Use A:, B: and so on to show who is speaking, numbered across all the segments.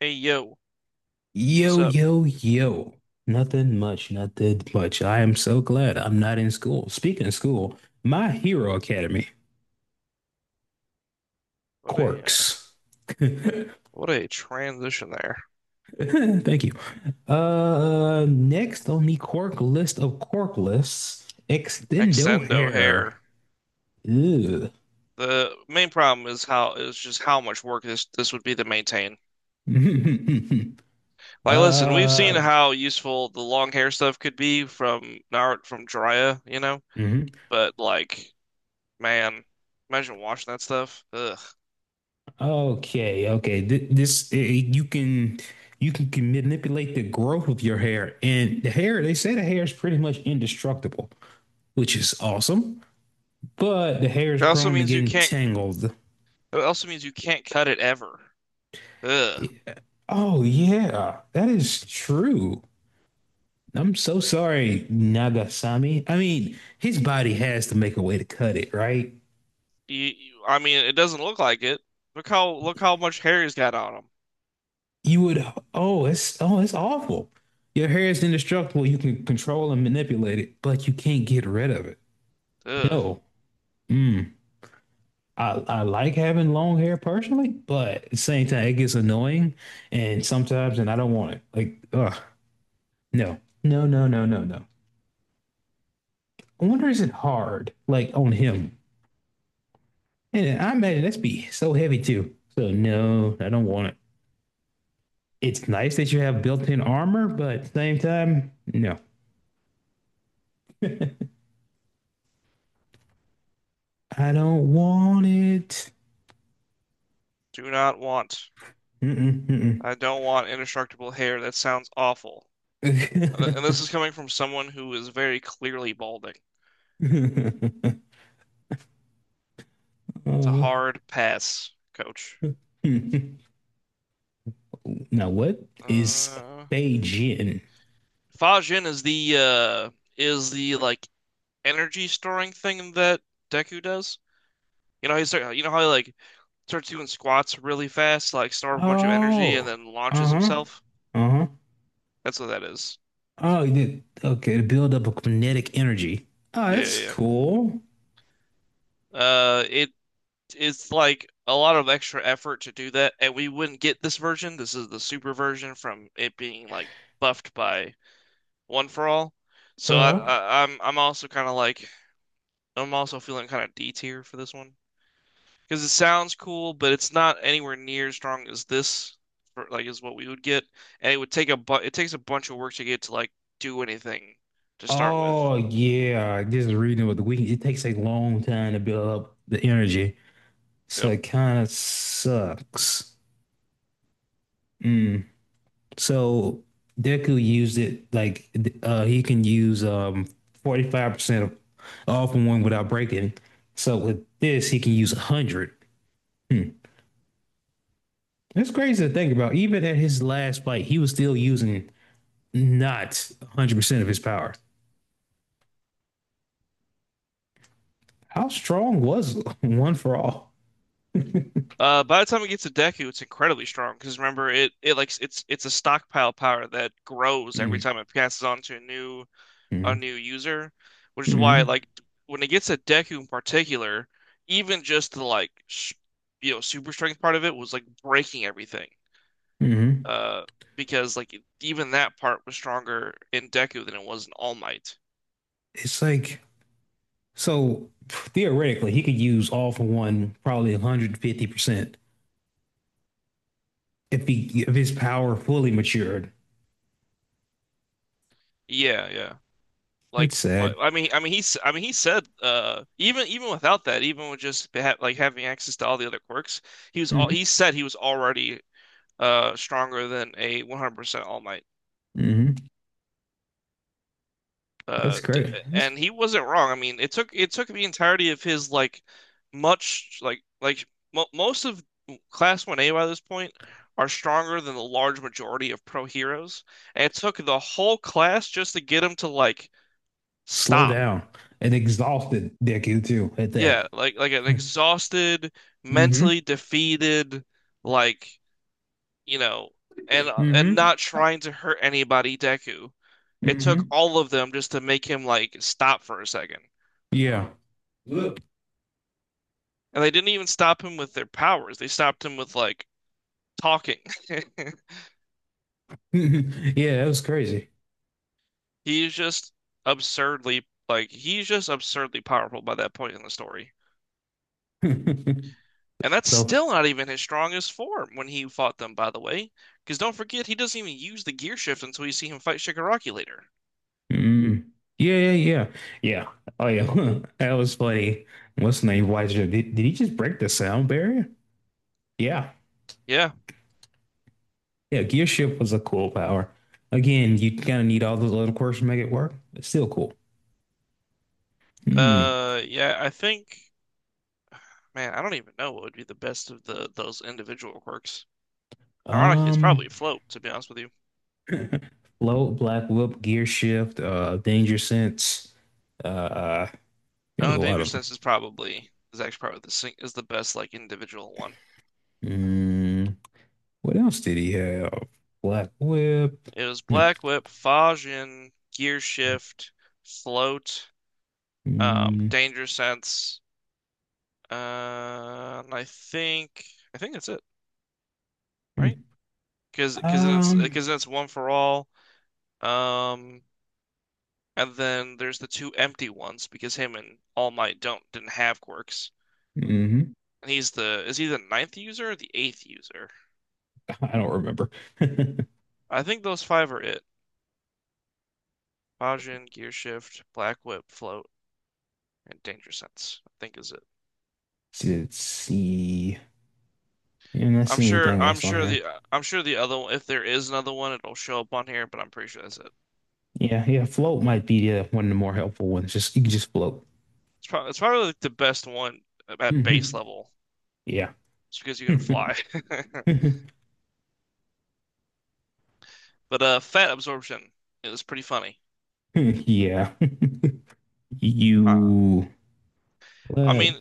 A: Hey yo, what's
B: Yo,
A: up?
B: yo, yo. Nothing much, nothing much. I am so glad I'm not in school. Speaking of school, My Hero Academy,
A: What a uh,
B: quirks. Thank
A: what a transition there.
B: you. Next on the quirk list of quirk lists, Extendo
A: Extendo
B: Hair.
A: hair.
B: Ew.
A: The main problem is how is just how much work this would be to maintain. Like, listen, we've seen
B: Uh,
A: how useful the long hair stuff could be from Naruto from Jiraiya, you know,
B: mhm.
A: but like, man, imagine washing that stuff. Ugh.
B: Okay, okay. This you can can manipulate the growth of your hair, and the hair is pretty much indestructible, which is awesome. But the hair is
A: It also
B: prone to
A: means you
B: getting
A: can't.
B: tangled.
A: It also means you can't cut it ever. Ugh.
B: Eh, Oh yeah, that is true. I'm so sorry, Nagasami. I mean, his body has to make a way to cut it, right?
A: I mean, it doesn't look like it. Look how much hair he's got on him.
B: You would. Oh, it's awful. Your hair is indestructible. You can control and manipulate it, but you can't get rid of it.
A: Ugh.
B: No. Mm. I like having long hair personally, but at the same time, it gets annoying and sometimes, and I don't want it. Like, ugh, no, no, no, no, no, no. I wonder, is it hard, like on him? And I imagine that's be so heavy too. So no, I don't want it. It's nice that you have built-in armor, but at the same time, no, I don't want it.
A: Do not want.
B: Mm-mm,
A: I don't want indestructible hair. That sounds awful. And this
B: mm-mm.
A: is coming from someone who is very clearly balding. It's a
B: Uh,
A: hard pass, coach.
B: Now, what is
A: Uh,
B: Fei Jin?
A: Fajin is the like energy storing thing that Deku does. You know, you know how he like starts doing squats really fast, like store up a bunch of energy and
B: Oh,
A: then launches
B: uh-huh.
A: himself.
B: Uh-huh.
A: That's what that is.
B: Oh, you did. Okay, to build up a kinetic energy. Oh,
A: Yeah,
B: that's
A: yeah,
B: cool.
A: yeah. It's like a lot of extra effort to do that, and we wouldn't get this version. This is the super version from it being like buffed by One for All. So
B: Uh-huh.
A: I'm also kind of like I'm also feeling kind of D tier for this one because it sounds cool, but it's not anywhere near as strong as this. For, like is what we would get, and it takes a bunch of work to get to like do anything to start with.
B: Oh, yeah. Just reading with the week, it takes a long time to build up the energy. So
A: Yep.
B: it kind of sucks. Mm. So Deku used it like he can use 45% of all from one without breaking. So with this, he can use 100. It's crazy to think about. Even at his last fight, he was still using not 100% of his power. How strong was one for all?
A: By the time it gets to Deku, it's incredibly strong because remember it's a stockpile power that grows every
B: Mm-hmm.
A: time it passes on to a new user, which is why
B: Mm-hmm.
A: like when it gets to Deku in particular, even just the like sh you know, super strength part of it was like breaking everything.
B: Mm-hmm.
A: Uh, because like even that part was stronger in Deku than it was in All Might.
B: It's like, so theoretically, he could use all for one probably 150% if, he, if his power fully matured.
A: Yeah, yeah. Like,
B: That's sad.
A: I mean, he said, even without that, even with just ha like having access to all the other quirks,
B: Mm-hmm.
A: he said he was already stronger than a 100% All Might.
B: Mm-hmm. That's
A: D
B: great. That's
A: And he wasn't wrong. I mean, it took the entirety of his like much like mo most of Class 1A by this point are stronger than the large majority of pro heroes, and it took the whole class just to get him to like
B: slow
A: stop.
B: down and exhausted, Dickie, too, at that.
A: Yeah, like an exhausted,
B: Mm-hmm.
A: mentally defeated, like, you know, and
B: Mm-hmm.
A: not trying to hurt anybody, Deku. It took
B: Mm-hmm.
A: all of them just to make him like stop for a second.
B: Yeah. Look,
A: And they didn't even stop him with their powers. They stopped him with like talking.
B: yeah, that was crazy.
A: He's just absurdly like he's just absurdly powerful by that point in the story.
B: So, mm,
A: And that's still not even his strongest form when he fought them, by the way. Because don't forget, he doesn't even use the gear shift until you see him fight Shigaraki later.
B: yeah, yeah, yeah, yeah. Oh yeah, that was funny. What's the name? Why did he just break the sound barrier? Yeah,
A: Yeah.
B: yeah. Gear shift was a cool power. Again, you kind of need all those little quirks to make it work. It's still cool. Hmm.
A: Yeah, I think, man, I don't even know what would be the best of the those individual quirks. Ironically, it's
B: Um,
A: probably float, to be honest with you.
B: Float, black whip, gear shift, danger sense. Uh, he had
A: Oh,
B: a lot
A: danger
B: of 'em.
A: sense is probably is actually probably is the best like individual one.
B: Mm, what else did he have? Black whip.
A: It was
B: Hmm.
A: black whip, Fajin, gear
B: Mm,
A: shift, float,
B: mm,
A: danger sense, and I think that's it, right?
B: um,
A: Because then it's one for all. Um, and then there's the two empty ones because him and All Might don't didn't have quirks.
B: mhm.
A: And he's the is he the ninth user or the eighth user?
B: I don't remember.
A: I think those five are it. Bajin, Gear Shift, Black Whip, Float, and Danger Sense, I think is it.
B: Let's see? Yeah, I'm not
A: I'm
B: see
A: sure
B: anything
A: I'm
B: else on
A: sure
B: here.
A: the I'm sure the other one, if there is another one, it'll show up on here, but I'm pretty sure that's it.
B: Yeah, yeah. Float might be one of the more helpful ones. Just you can just float.
A: It's probably like the best one at base
B: Mhm.
A: level.
B: Yeah.
A: It's because you can fly. But Fat Absorption is pretty funny.
B: Yeah.
A: Uh,
B: You
A: I
B: what?
A: mean,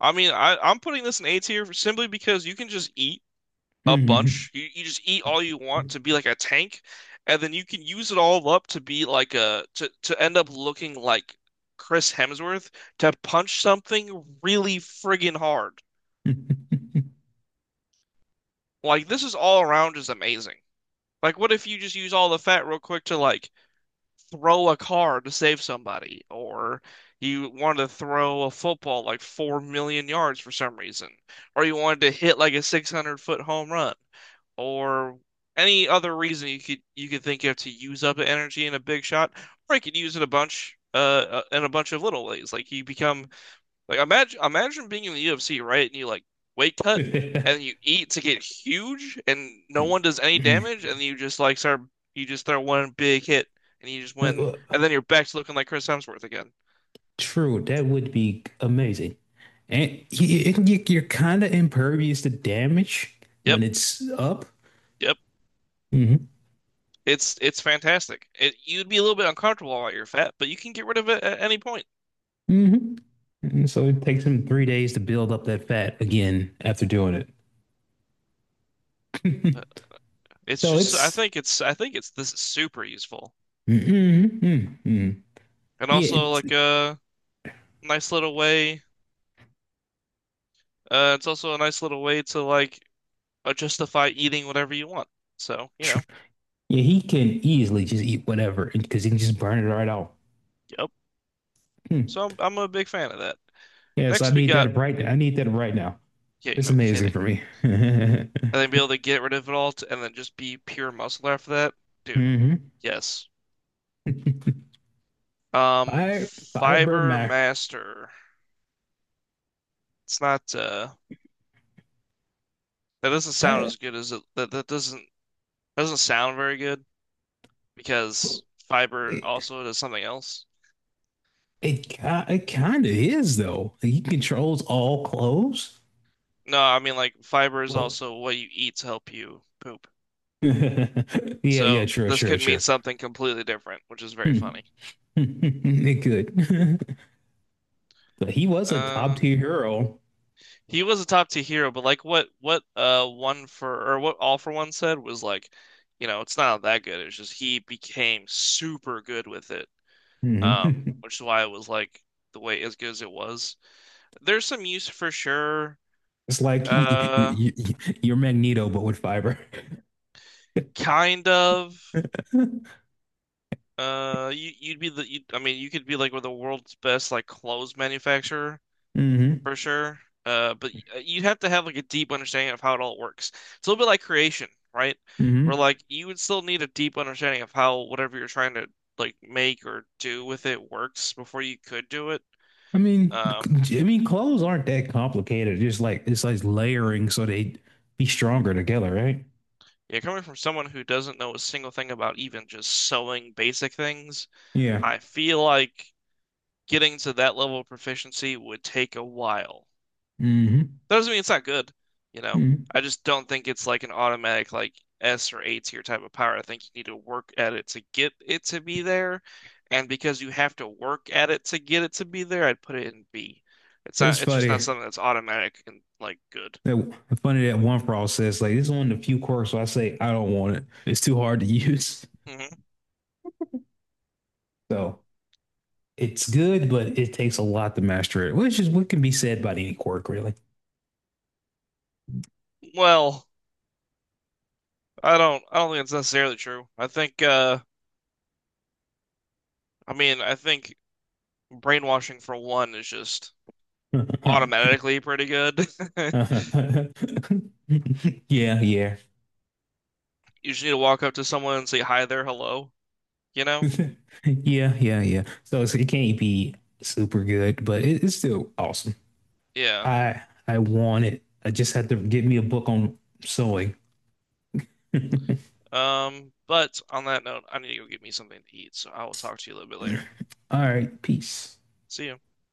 A: I, I'm putting this in A tier simply because you can just eat a bunch. You just eat all you want to be like a tank, and then you can use it all up to be like a to end up looking like Chris Hemsworth to punch something really friggin' hard. Like this is all around just amazing. Like what if you just use all the fat real quick to like throw a car to save somebody, or you wanted to throw a football like 4 million yards for some reason, or you wanted to hit like a 600-foot home run, or any other reason you could think of to use up energy in a big shot, or you could use it a bunch in a bunch of little ways. Like you become like imagine being in the UFC, right? And you like weight cut and you eat to get huge and no one does any damage and you just throw one big hit and you just win.
B: Uh,
A: And then your back's looking like Chris Hemsworth again.
B: True, that would be amazing. And you're kind of impervious to damage
A: Yep,
B: when it's up.
A: yep.
B: Hmm.
A: It's fantastic. It, you'd be a little bit uncomfortable while you're fat, but you can get rid of it at any point.
B: Hmm. And so it takes him 3 days to build up that fat again after doing
A: But
B: it.
A: it's
B: So
A: just
B: it's,
A: I think it's this is super useful.
B: mm, mm, mm.
A: And
B: Yeah,
A: also
B: it's
A: like a nice little way it's also a nice little way to like justify eating whatever you want. So, you
B: true.
A: know,
B: Yeah, he can easily just eat whatever because he can just burn it right out.
A: Yep.
B: Hmm.
A: So I'm a big fan of that.
B: Yes, I
A: Next, we
B: need
A: got,
B: that right now. I need that right now.
A: yeah,
B: It's
A: no
B: amazing
A: kidding.
B: for me.
A: And then be able to get rid of it all to, and then just be pure muscle after that. Dude,
B: Hmm.
A: yes.
B: Fire, fiber
A: Fiber
B: mac.
A: Master. It's not, That doesn't sound as good as that doesn't sound very good because fiber
B: It
A: also does something else.
B: it kind of is though. Like, he controls all clothes.
A: No, I mean, like, fiber is
B: Well,
A: also what you eat to help you poop.
B: yeah, yeah,
A: So
B: true,
A: this
B: true,
A: could
B: true.
A: mean something completely different, which is very
B: Hmm.
A: funny.
B: It could, but he was a top
A: Uh,
B: tier hero.
A: he was a top tier hero, but like what all for one said was like, you know, it's not that good. It's just he became super good with it.
B: Mhm.
A: Which is why it was like the way as good as it was. There's some use for sure.
B: It's like
A: Uh,
B: y- y- you're Magneto, but with fiber.
A: kind of.
B: Hmm.
A: You'd be the you, I mean, you could be like with the world's best like clothes manufacturer,
B: Hmm.
A: for sure. But you have to have like a deep understanding of how it all works. It's a little bit like creation, right? Where like you would still need a deep understanding of how whatever you're trying to like make or do with it works before you could do it. Um,
B: I mean, clothes aren't that complicated. Just like it's like layering so they be stronger together, right?
A: yeah, coming from someone who doesn't know a single thing about even just sewing basic things,
B: Yeah.
A: I feel like getting to that level of proficiency would take a while.
B: Hmm.
A: That doesn't mean it's not good, you know.
B: Hmm.
A: I just don't think it's like an automatic like S or A tier type of power. I think you need to work at it to get it to be there, and because you have to work at it to get it to be there, I'd put it in B. It's
B: It was
A: not. It's just not
B: funny.
A: something that's automatic and like good.
B: That it's funny that one fraud says like this is one of the few quirks where I say I don't want it. It's too hard to use.
A: Hmm.
B: So it's good, but it takes a lot to master it, which is what can be said about any quirk, really.
A: Well, I don't think it's necessarily true. I think brainwashing for one is just
B: Yeah,
A: automatically pretty good.
B: yeah,
A: You just need to walk up to someone and say hi there, hello. You know?
B: yeah, yeah, yeah. So it's, it can't be super good, but it, it's still awesome.
A: Yeah.
B: I I want it. I just had to get me a book on sewing.
A: But on that note, I need to go get me something to eat, so I will talk to you a little bit later.
B: All right, peace.
A: See you.